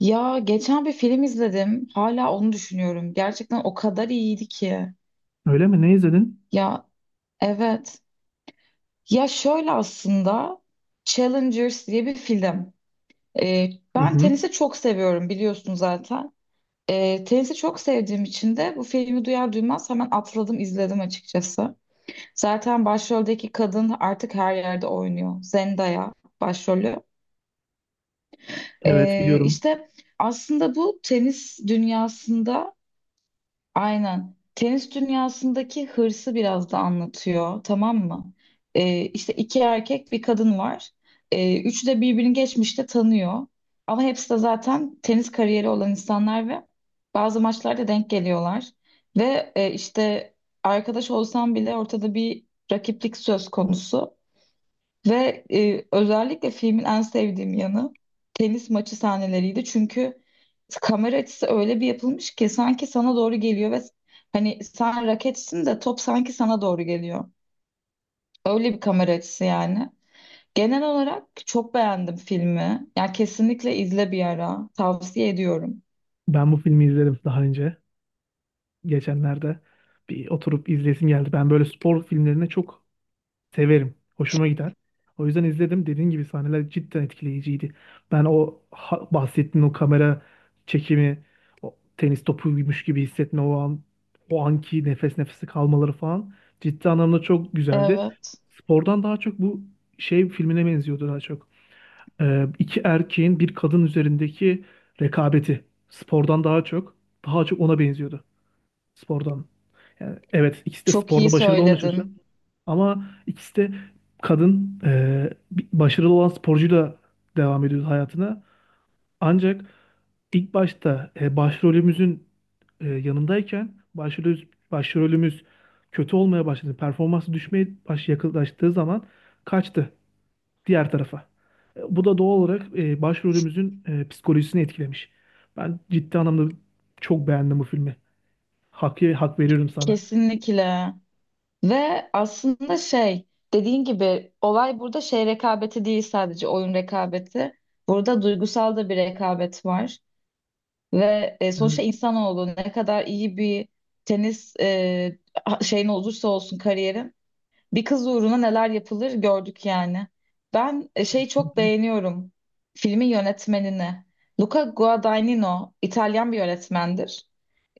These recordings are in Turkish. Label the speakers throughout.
Speaker 1: Ya geçen bir film izledim. Hala onu düşünüyorum. Gerçekten o kadar iyiydi ki.
Speaker 2: Öyle mi? Ne izledin?
Speaker 1: Ya, evet. Ya şöyle aslında Challengers diye bir film. Ee,
Speaker 2: Hı
Speaker 1: Ben
Speaker 2: hı.
Speaker 1: tenisi çok seviyorum biliyorsun zaten. Tenisi çok sevdiğim için de bu filmi duyar duymaz hemen atladım izledim açıkçası. Zaten başroldeki kadın artık her yerde oynuyor. Zendaya başrolü.
Speaker 2: Evet biliyorum.
Speaker 1: İşte aslında bu tenis dünyasında Aynen. Tenis dünyasındaki hırsı biraz da anlatıyor, tamam mı? İşte iki erkek bir kadın var. Üçü de birbirini geçmişte tanıyor. Ama hepsi de zaten tenis kariyeri olan insanlar ve bazı maçlarda denk geliyorlar. İşte arkadaş olsam bile ortada bir rakiplik söz konusu. Özellikle filmin en sevdiğim yanı tenis maçı sahneleriydi. Çünkü kamera açısı öyle bir yapılmış ki sanki sana doğru geliyor ve hani sen raketsin de top sanki sana doğru geliyor. Öyle bir kamera açısı yani. Genel olarak çok beğendim filmi. Yani kesinlikle izle bir ara. Tavsiye ediyorum.
Speaker 2: Ben bu filmi izledim daha önce. Geçenlerde bir oturup izlesim geldi. Ben böyle spor filmlerini çok severim. Hoşuma gider. O yüzden izledim. Dediğin gibi sahneler cidden etkileyiciydi. Ben bahsettiğin o kamera çekimi, o tenis topuymuş gibi hissetme o an, o anki nefes nefese kalmaları falan ciddi anlamda çok güzeldi.
Speaker 1: Evet.
Speaker 2: Spordan daha çok bu şey filmine benziyordu daha çok. İki erkeğin bir kadın üzerindeki rekabeti spordan daha çok daha çok ona benziyordu spordan. Yani evet ikisi de
Speaker 1: Çok iyi
Speaker 2: sporda başarılı olmuş olsa
Speaker 1: söyledin.
Speaker 2: ama ikisi de kadın başarılı olan sporcuyla devam ediyordu hayatına. Ancak ilk başta başrolümüzün yanındayken başrolümüz, başrolümüz kötü olmaya başladı. Performansı düşmeye yaklaştığı zaman kaçtı diğer tarafa. Bu da doğal olarak başrolümüzün psikolojisini etkilemiş. Ben ciddi anlamda çok beğendim bu filmi. Hak veriyorum sana.
Speaker 1: Kesinlikle. Ve aslında şey, dediğin gibi olay burada şey rekabeti değil sadece oyun rekabeti. Burada duygusal da bir rekabet var. Sonuçta
Speaker 2: Evet.
Speaker 1: insanoğlu ne kadar iyi bir tenis şeyin olursa olsun kariyerin bir kız uğruna neler yapılır gördük yani. Ben şeyi çok beğeniyorum, filmin yönetmenini. Luca Guadagnino İtalyan bir yönetmendir.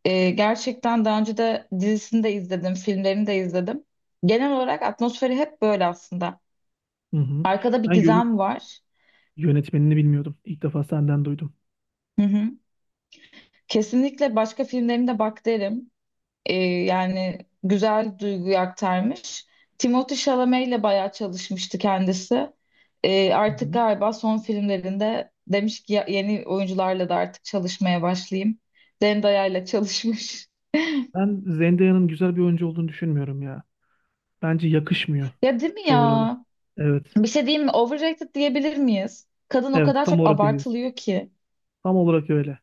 Speaker 1: Gerçekten daha önce de dizisini de izledim, filmlerini de izledim. Genel olarak atmosferi hep böyle aslında.
Speaker 2: Hı hı.
Speaker 1: Arkada bir
Speaker 2: Ben
Speaker 1: gizem var.
Speaker 2: yönetmenini bilmiyordum. İlk defa senden duydum.
Speaker 1: Hı hı. Kesinlikle başka filmlerine de bak derim. Yani güzel duyguyu aktarmış. Timothée Chalamet ile bayağı çalışmıştı kendisi.
Speaker 2: Hı
Speaker 1: Artık
Speaker 2: hı.
Speaker 1: galiba son filmlerinde demiş ki "Ya- yeni oyuncularla da artık çalışmaya başlayayım." Zendaya ile çalışmış.
Speaker 2: Ben Zendaya'nın güzel bir oyuncu olduğunu düşünmüyorum ya. Bence yakışmıyor
Speaker 1: Ya değil mi
Speaker 2: çoğu role.
Speaker 1: ya?
Speaker 2: Evet.
Speaker 1: Bir şey diyeyim mi? Overrated diyebilir miyiz? Kadın o
Speaker 2: Evet,
Speaker 1: kadar
Speaker 2: tam
Speaker 1: çok
Speaker 2: olarak öyleyiz.
Speaker 1: abartılıyor ki.
Speaker 2: Tam olarak öyle.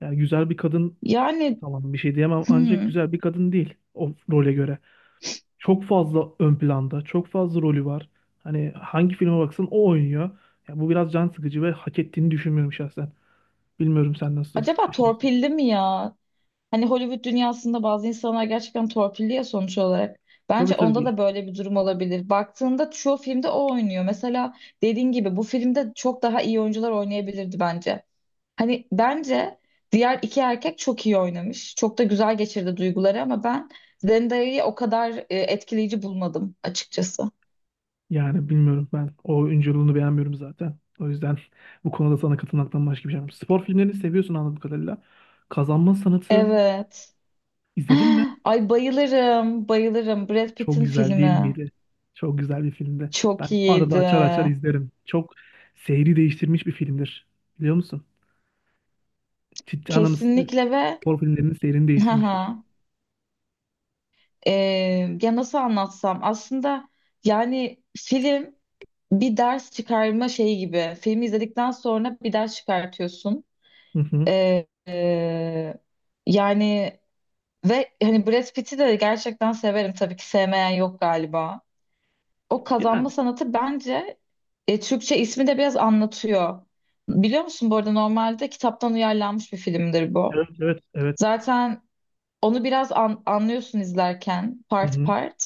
Speaker 2: Yani güzel bir kadın
Speaker 1: Yani
Speaker 2: tamam bir şey diyemem ancak
Speaker 1: hmm,
Speaker 2: güzel bir kadın değil o role göre. Çok fazla ön planda, çok fazla rolü var. Hani hangi filme baksan o oynuyor. Ya bu biraz can sıkıcı ve hak ettiğini düşünmüyorum şahsen. Bilmiyorum sen nasıl
Speaker 1: acaba
Speaker 2: düşünüyorsun.
Speaker 1: torpilli mi ya? Hani Hollywood dünyasında bazı insanlar gerçekten torpilli ya sonuç olarak.
Speaker 2: Tabii
Speaker 1: Bence onda
Speaker 2: tabii.
Speaker 1: da böyle bir durum olabilir. Baktığında çoğu filmde o oynuyor. Mesela dediğin gibi bu filmde çok daha iyi oyuncular oynayabilirdi bence. Hani bence diğer iki erkek çok iyi oynamış. Çok da güzel geçirdi duyguları ama ben Zendaya'yı o kadar etkileyici bulmadım açıkçası.
Speaker 2: Yani bilmiyorum ben o oyunculuğunu beğenmiyorum zaten. O yüzden bu konuda sana katılmaktan başka bir şey yok. Spor filmlerini seviyorsun anladığım kadarıyla. Kazanma Sanatı
Speaker 1: Evet.
Speaker 2: izledin mi?
Speaker 1: Ay bayılırım, bayılırım. Brad
Speaker 2: Çok
Speaker 1: Pitt'in
Speaker 2: güzel değil
Speaker 1: filmi
Speaker 2: miydi? Çok güzel bir filmdi.
Speaker 1: çok
Speaker 2: Ben arada
Speaker 1: iyiydi.
Speaker 2: açar açar izlerim. Çok seyri değiştirmiş bir filmdir. Biliyor musun? Ciddi anlamda
Speaker 1: Kesinlikle ve
Speaker 2: spor filmlerinin seyrini değiştirmiştir.
Speaker 1: haha, e, ya nasıl anlatsam aslında, yani film bir ders çıkarma şeyi gibi. Filmi izledikten sonra bir ders çıkartıyorsun.
Speaker 2: Hı hı.
Speaker 1: E, e, Yani ve hani Brad Pitt'i de gerçekten severim. Tabii ki sevmeyen yok galiba. O
Speaker 2: Yani
Speaker 1: kazanma sanatı bence, Türkçe ismi de biraz anlatıyor. Biliyor musun bu arada normalde kitaptan uyarlanmış bir filmdir bu.
Speaker 2: evet, evet, evet.
Speaker 1: Zaten onu biraz anlıyorsun izlerken
Speaker 2: Hı
Speaker 1: part
Speaker 2: hı.
Speaker 1: part.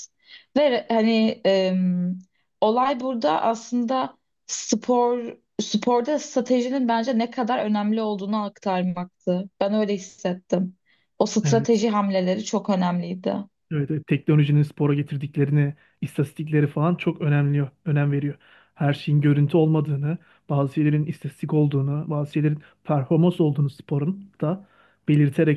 Speaker 1: Ve re- hani em, Olay burada aslında spor sporda stratejinin bence ne kadar önemli olduğunu aktarmaktı. Ben öyle hissettim. O
Speaker 2: Evet.
Speaker 1: strateji hamleleri çok önemliydi.
Speaker 2: Evet, evet. Teknolojinin spora getirdiklerini, istatistikleri falan çok önemli, önem veriyor. Her şeyin görüntü olmadığını, bazı şeylerin istatistik olduğunu, bazı şeylerin performans olduğunu sporun da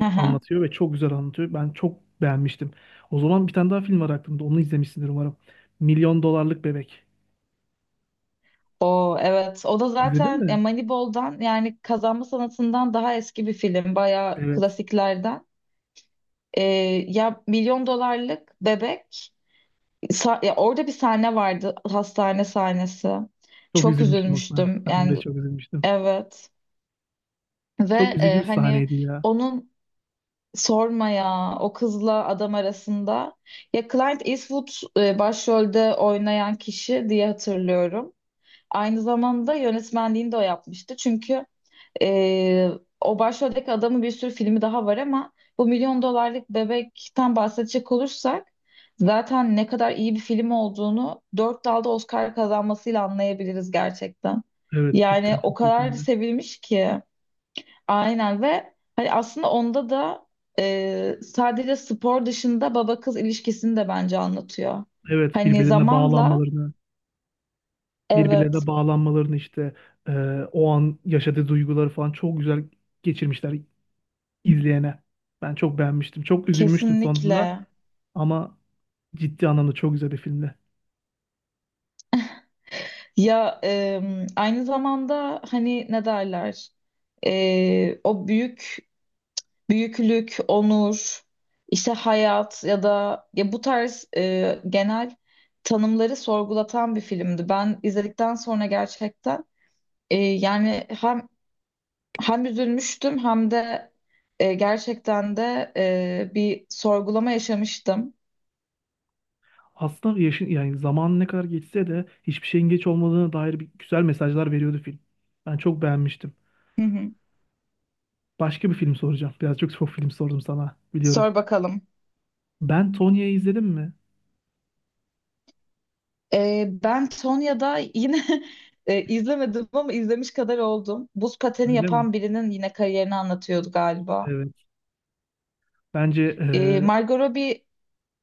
Speaker 1: Hı hı.
Speaker 2: anlatıyor ve çok güzel anlatıyor. Ben çok beğenmiştim. O zaman bir tane daha film var aklımda. Onu izlemişsindir umarım. Milyon Dolarlık Bebek.
Speaker 1: O, evet, o da
Speaker 2: İzledin
Speaker 1: zaten
Speaker 2: mi?
Speaker 1: Moneyball'dan, yani kazanma sanatından daha eski bir film, bayağı
Speaker 2: Evet.
Speaker 1: klasiklerden. E, Ya milyon dolarlık bebek, ya orada bir sahne vardı, hastane sahnesi.
Speaker 2: Çok
Speaker 1: Çok
Speaker 2: üzülmüştüm aslında.
Speaker 1: üzülmüştüm
Speaker 2: Ben de
Speaker 1: yani,
Speaker 2: çok üzülmüştüm.
Speaker 1: evet, ve
Speaker 2: Çok üzücü bir
Speaker 1: hani
Speaker 2: sahneydi ya.
Speaker 1: onun, sorma ya, o kızla adam arasında, ya Clint Eastwood başrolde oynayan kişi diye hatırlıyorum. Aynı zamanda yönetmenliğini de o yapmıştı çünkü... Ee, O başroldeki adamın bir sürü filmi daha var ama bu milyon dolarlık bebekten bahsedecek olursak zaten ne kadar iyi bir film olduğunu 4 dalda Oscar kazanmasıyla anlayabiliriz gerçekten.
Speaker 2: Evet
Speaker 1: Yani
Speaker 2: cidden
Speaker 1: o
Speaker 2: çok iyi
Speaker 1: kadar
Speaker 2: filmdi.
Speaker 1: sevilmiş ki. Aynen, ve hani aslında onda da sadece spor dışında baba kız ilişkisini de bence anlatıyor.
Speaker 2: Evet
Speaker 1: Hani
Speaker 2: birbirlerine
Speaker 1: zamanla,
Speaker 2: bağlanmalarını, birbirlerine
Speaker 1: evet,
Speaker 2: bağlanmalarını işte e, o an yaşadığı duyguları falan çok güzel geçirmişler izleyene. Ben çok beğenmiştim. Çok üzülmüştüm sonunda
Speaker 1: kesinlikle.
Speaker 2: ama ciddi anlamda çok güzel bir filmdi.
Speaker 1: Aynı zamanda hani ne derler? O büyüklük, onur, işte hayat ya da ya bu tarz genel tanımları sorgulatan bir filmdi. Ben izledikten sonra gerçekten yani hem üzülmüştüm hem de gerçekten de bir sorgulama yaşamıştım.
Speaker 2: Aslında yaşın yani zaman ne kadar geçse de hiçbir şeyin geç olmadığına dair bir, güzel mesajlar veriyordu film. Ben çok beğenmiştim.
Speaker 1: Hı hı.
Speaker 2: Başka bir film soracağım. Biraz çok film sordum sana biliyorum.
Speaker 1: Sor bakalım.
Speaker 2: Ben Tonya'yı izledim mi?
Speaker 1: Ben Tonya'da yine izlemedim ama izlemiş kadar oldum. Buz pateni
Speaker 2: Öyle mi?
Speaker 1: yapan birinin yine kariyerini anlatıyordu galiba.
Speaker 2: Evet. Bence e,
Speaker 1: Margot Robbie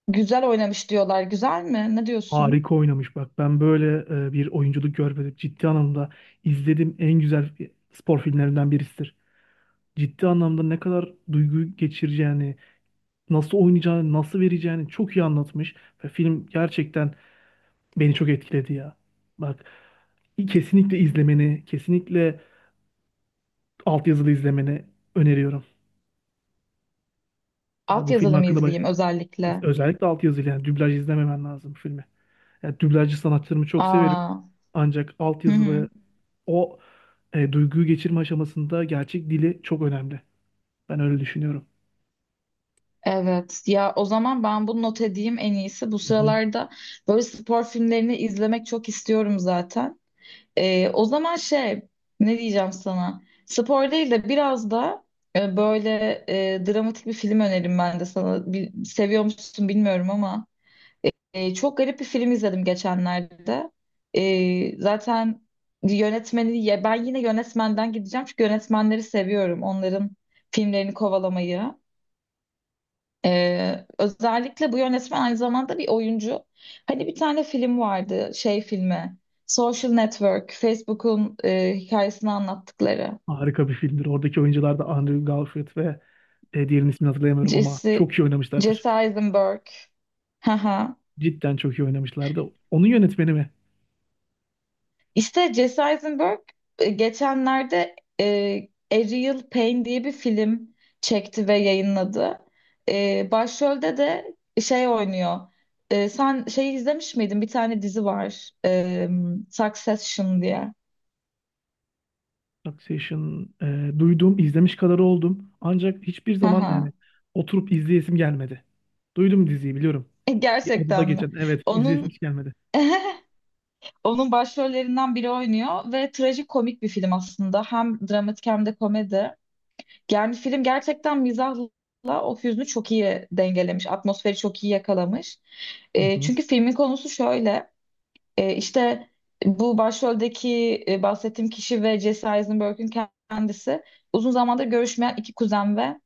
Speaker 1: güzel oynamış diyorlar. Güzel mi? Ne diyorsun?
Speaker 2: Harika oynamış bak. Ben böyle bir oyunculuk görmedim. Ciddi anlamda izlediğim en güzel spor filmlerinden birisidir. Ciddi anlamda ne kadar duygu geçireceğini, nasıl oynayacağını, nasıl vereceğini çok iyi anlatmış. Ve film gerçekten beni çok etkiledi ya. Bak kesinlikle izlemeni, kesinlikle altyazılı izlemeni öneriyorum. Yani
Speaker 1: Alt
Speaker 2: bu film
Speaker 1: yazılı mı
Speaker 2: hakkında baş...
Speaker 1: izleyeyim özellikle?
Speaker 2: özellikle altyazılı yani dublaj izlememen lazım bu filmi. Yani dublajcı sanatçılarımı çok severim.
Speaker 1: Aa,
Speaker 2: Ancak
Speaker 1: hı
Speaker 2: altyazılı
Speaker 1: hı.
Speaker 2: o duyguyu geçirme aşamasında gerçek dili çok önemli. Ben öyle düşünüyorum.
Speaker 1: Evet. Ya o zaman ben bunu not edeyim en iyisi. Bu
Speaker 2: Hı hı.
Speaker 1: sıralarda böyle spor filmlerini izlemek çok istiyorum zaten. O zaman şey, ne diyeceğim sana? Spor değil de biraz da böyle dramatik bir film önerim ben de sana. Seviyor musun bilmiyorum ama çok garip bir film izledim geçenlerde. Zaten yönetmeni, ya ben yine yönetmenden gideceğim çünkü yönetmenleri seviyorum. Onların filmlerini kovalamayı. Özellikle bu yönetmen aynı zamanda bir oyuncu. Hani bir tane film vardı, şey filmi. Social Network, Facebook'un hikayesini anlattıkları.
Speaker 2: Harika bir filmdir. Oradaki oyuncular da Andrew Garfield ve diğerinin ismini hatırlayamıyorum ama
Speaker 1: Jesse,
Speaker 2: çok iyi oynamışlardır.
Speaker 1: Jesse Eisenberg. Haha.
Speaker 2: Cidden çok iyi oynamışlardı. Onun yönetmeni mi?
Speaker 1: İşte Jesse Eisenberg geçenlerde Ariel Payne diye bir film çekti ve yayınladı. Başrolde de şey oynuyor. Sen şeyi izlemiş miydin? Bir tane dizi var. Succession diye.
Speaker 2: Succession duydum, izlemiş kadar oldum. Ancak hiçbir zaman yani
Speaker 1: Haha.
Speaker 2: oturup izleyesim gelmedi. Duydum diziyi biliyorum. Bir odada
Speaker 1: Gerçekten mi?
Speaker 2: geçen. Evet, izleyesim
Speaker 1: Onun
Speaker 2: hiç gelmedi.
Speaker 1: onun başrollerinden biri oynuyor ve trajikomik bir film aslında. Hem dramatik hem de komedi. Yani film gerçekten mizahla o hüznü çok iyi dengelemiş. Atmosferi çok iyi yakalamış.
Speaker 2: Hı hı.
Speaker 1: Çünkü filmin konusu şöyle. İşte bu başroldeki bahsettiğim kişi ve Jesse Eisenberg'ün kendisi uzun zamandır görüşmeyen iki kuzen ve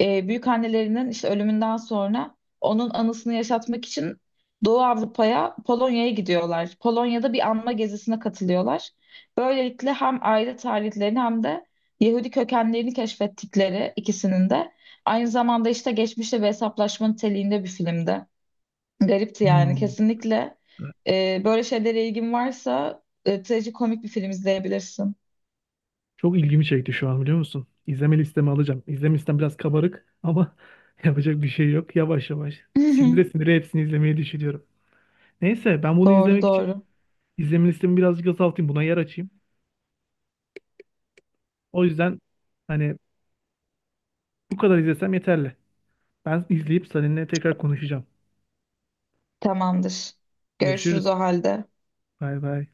Speaker 1: büyükannelerinin işte ölümünden sonra onun anısını yaşatmak için Doğu Avrupa'ya, Polonya'ya gidiyorlar. Polonya'da bir anma gezisine katılıyorlar. Böylelikle hem aile tarihlerini hem de Yahudi kökenlerini keşfettikleri, ikisinin de aynı zamanda işte geçmişle bir hesaplaşma niteliğinde bir filmdi. Garipti yani,
Speaker 2: Hmm.
Speaker 1: kesinlikle. Böyle şeylere ilgin varsa trajikomik bir film izleyebilirsin.
Speaker 2: Çok ilgimi çekti şu an biliyor musun? İzleme listeme alacağım. İzleme listem biraz kabarık ama yapacak bir şey yok. Yavaş yavaş sinire sinire hepsini izlemeyi düşünüyorum. Neyse ben bunu
Speaker 1: Doğru
Speaker 2: izlemek için
Speaker 1: doğru.
Speaker 2: izleme listemi birazcık azaltayım. Buna yer açayım. O yüzden hani bu kadar izlesem yeterli. Ben izleyip seninle tekrar konuşacağım.
Speaker 1: Tamamdır. Görüşürüz o
Speaker 2: Görüşürüz.
Speaker 1: halde.
Speaker 2: Bay bay.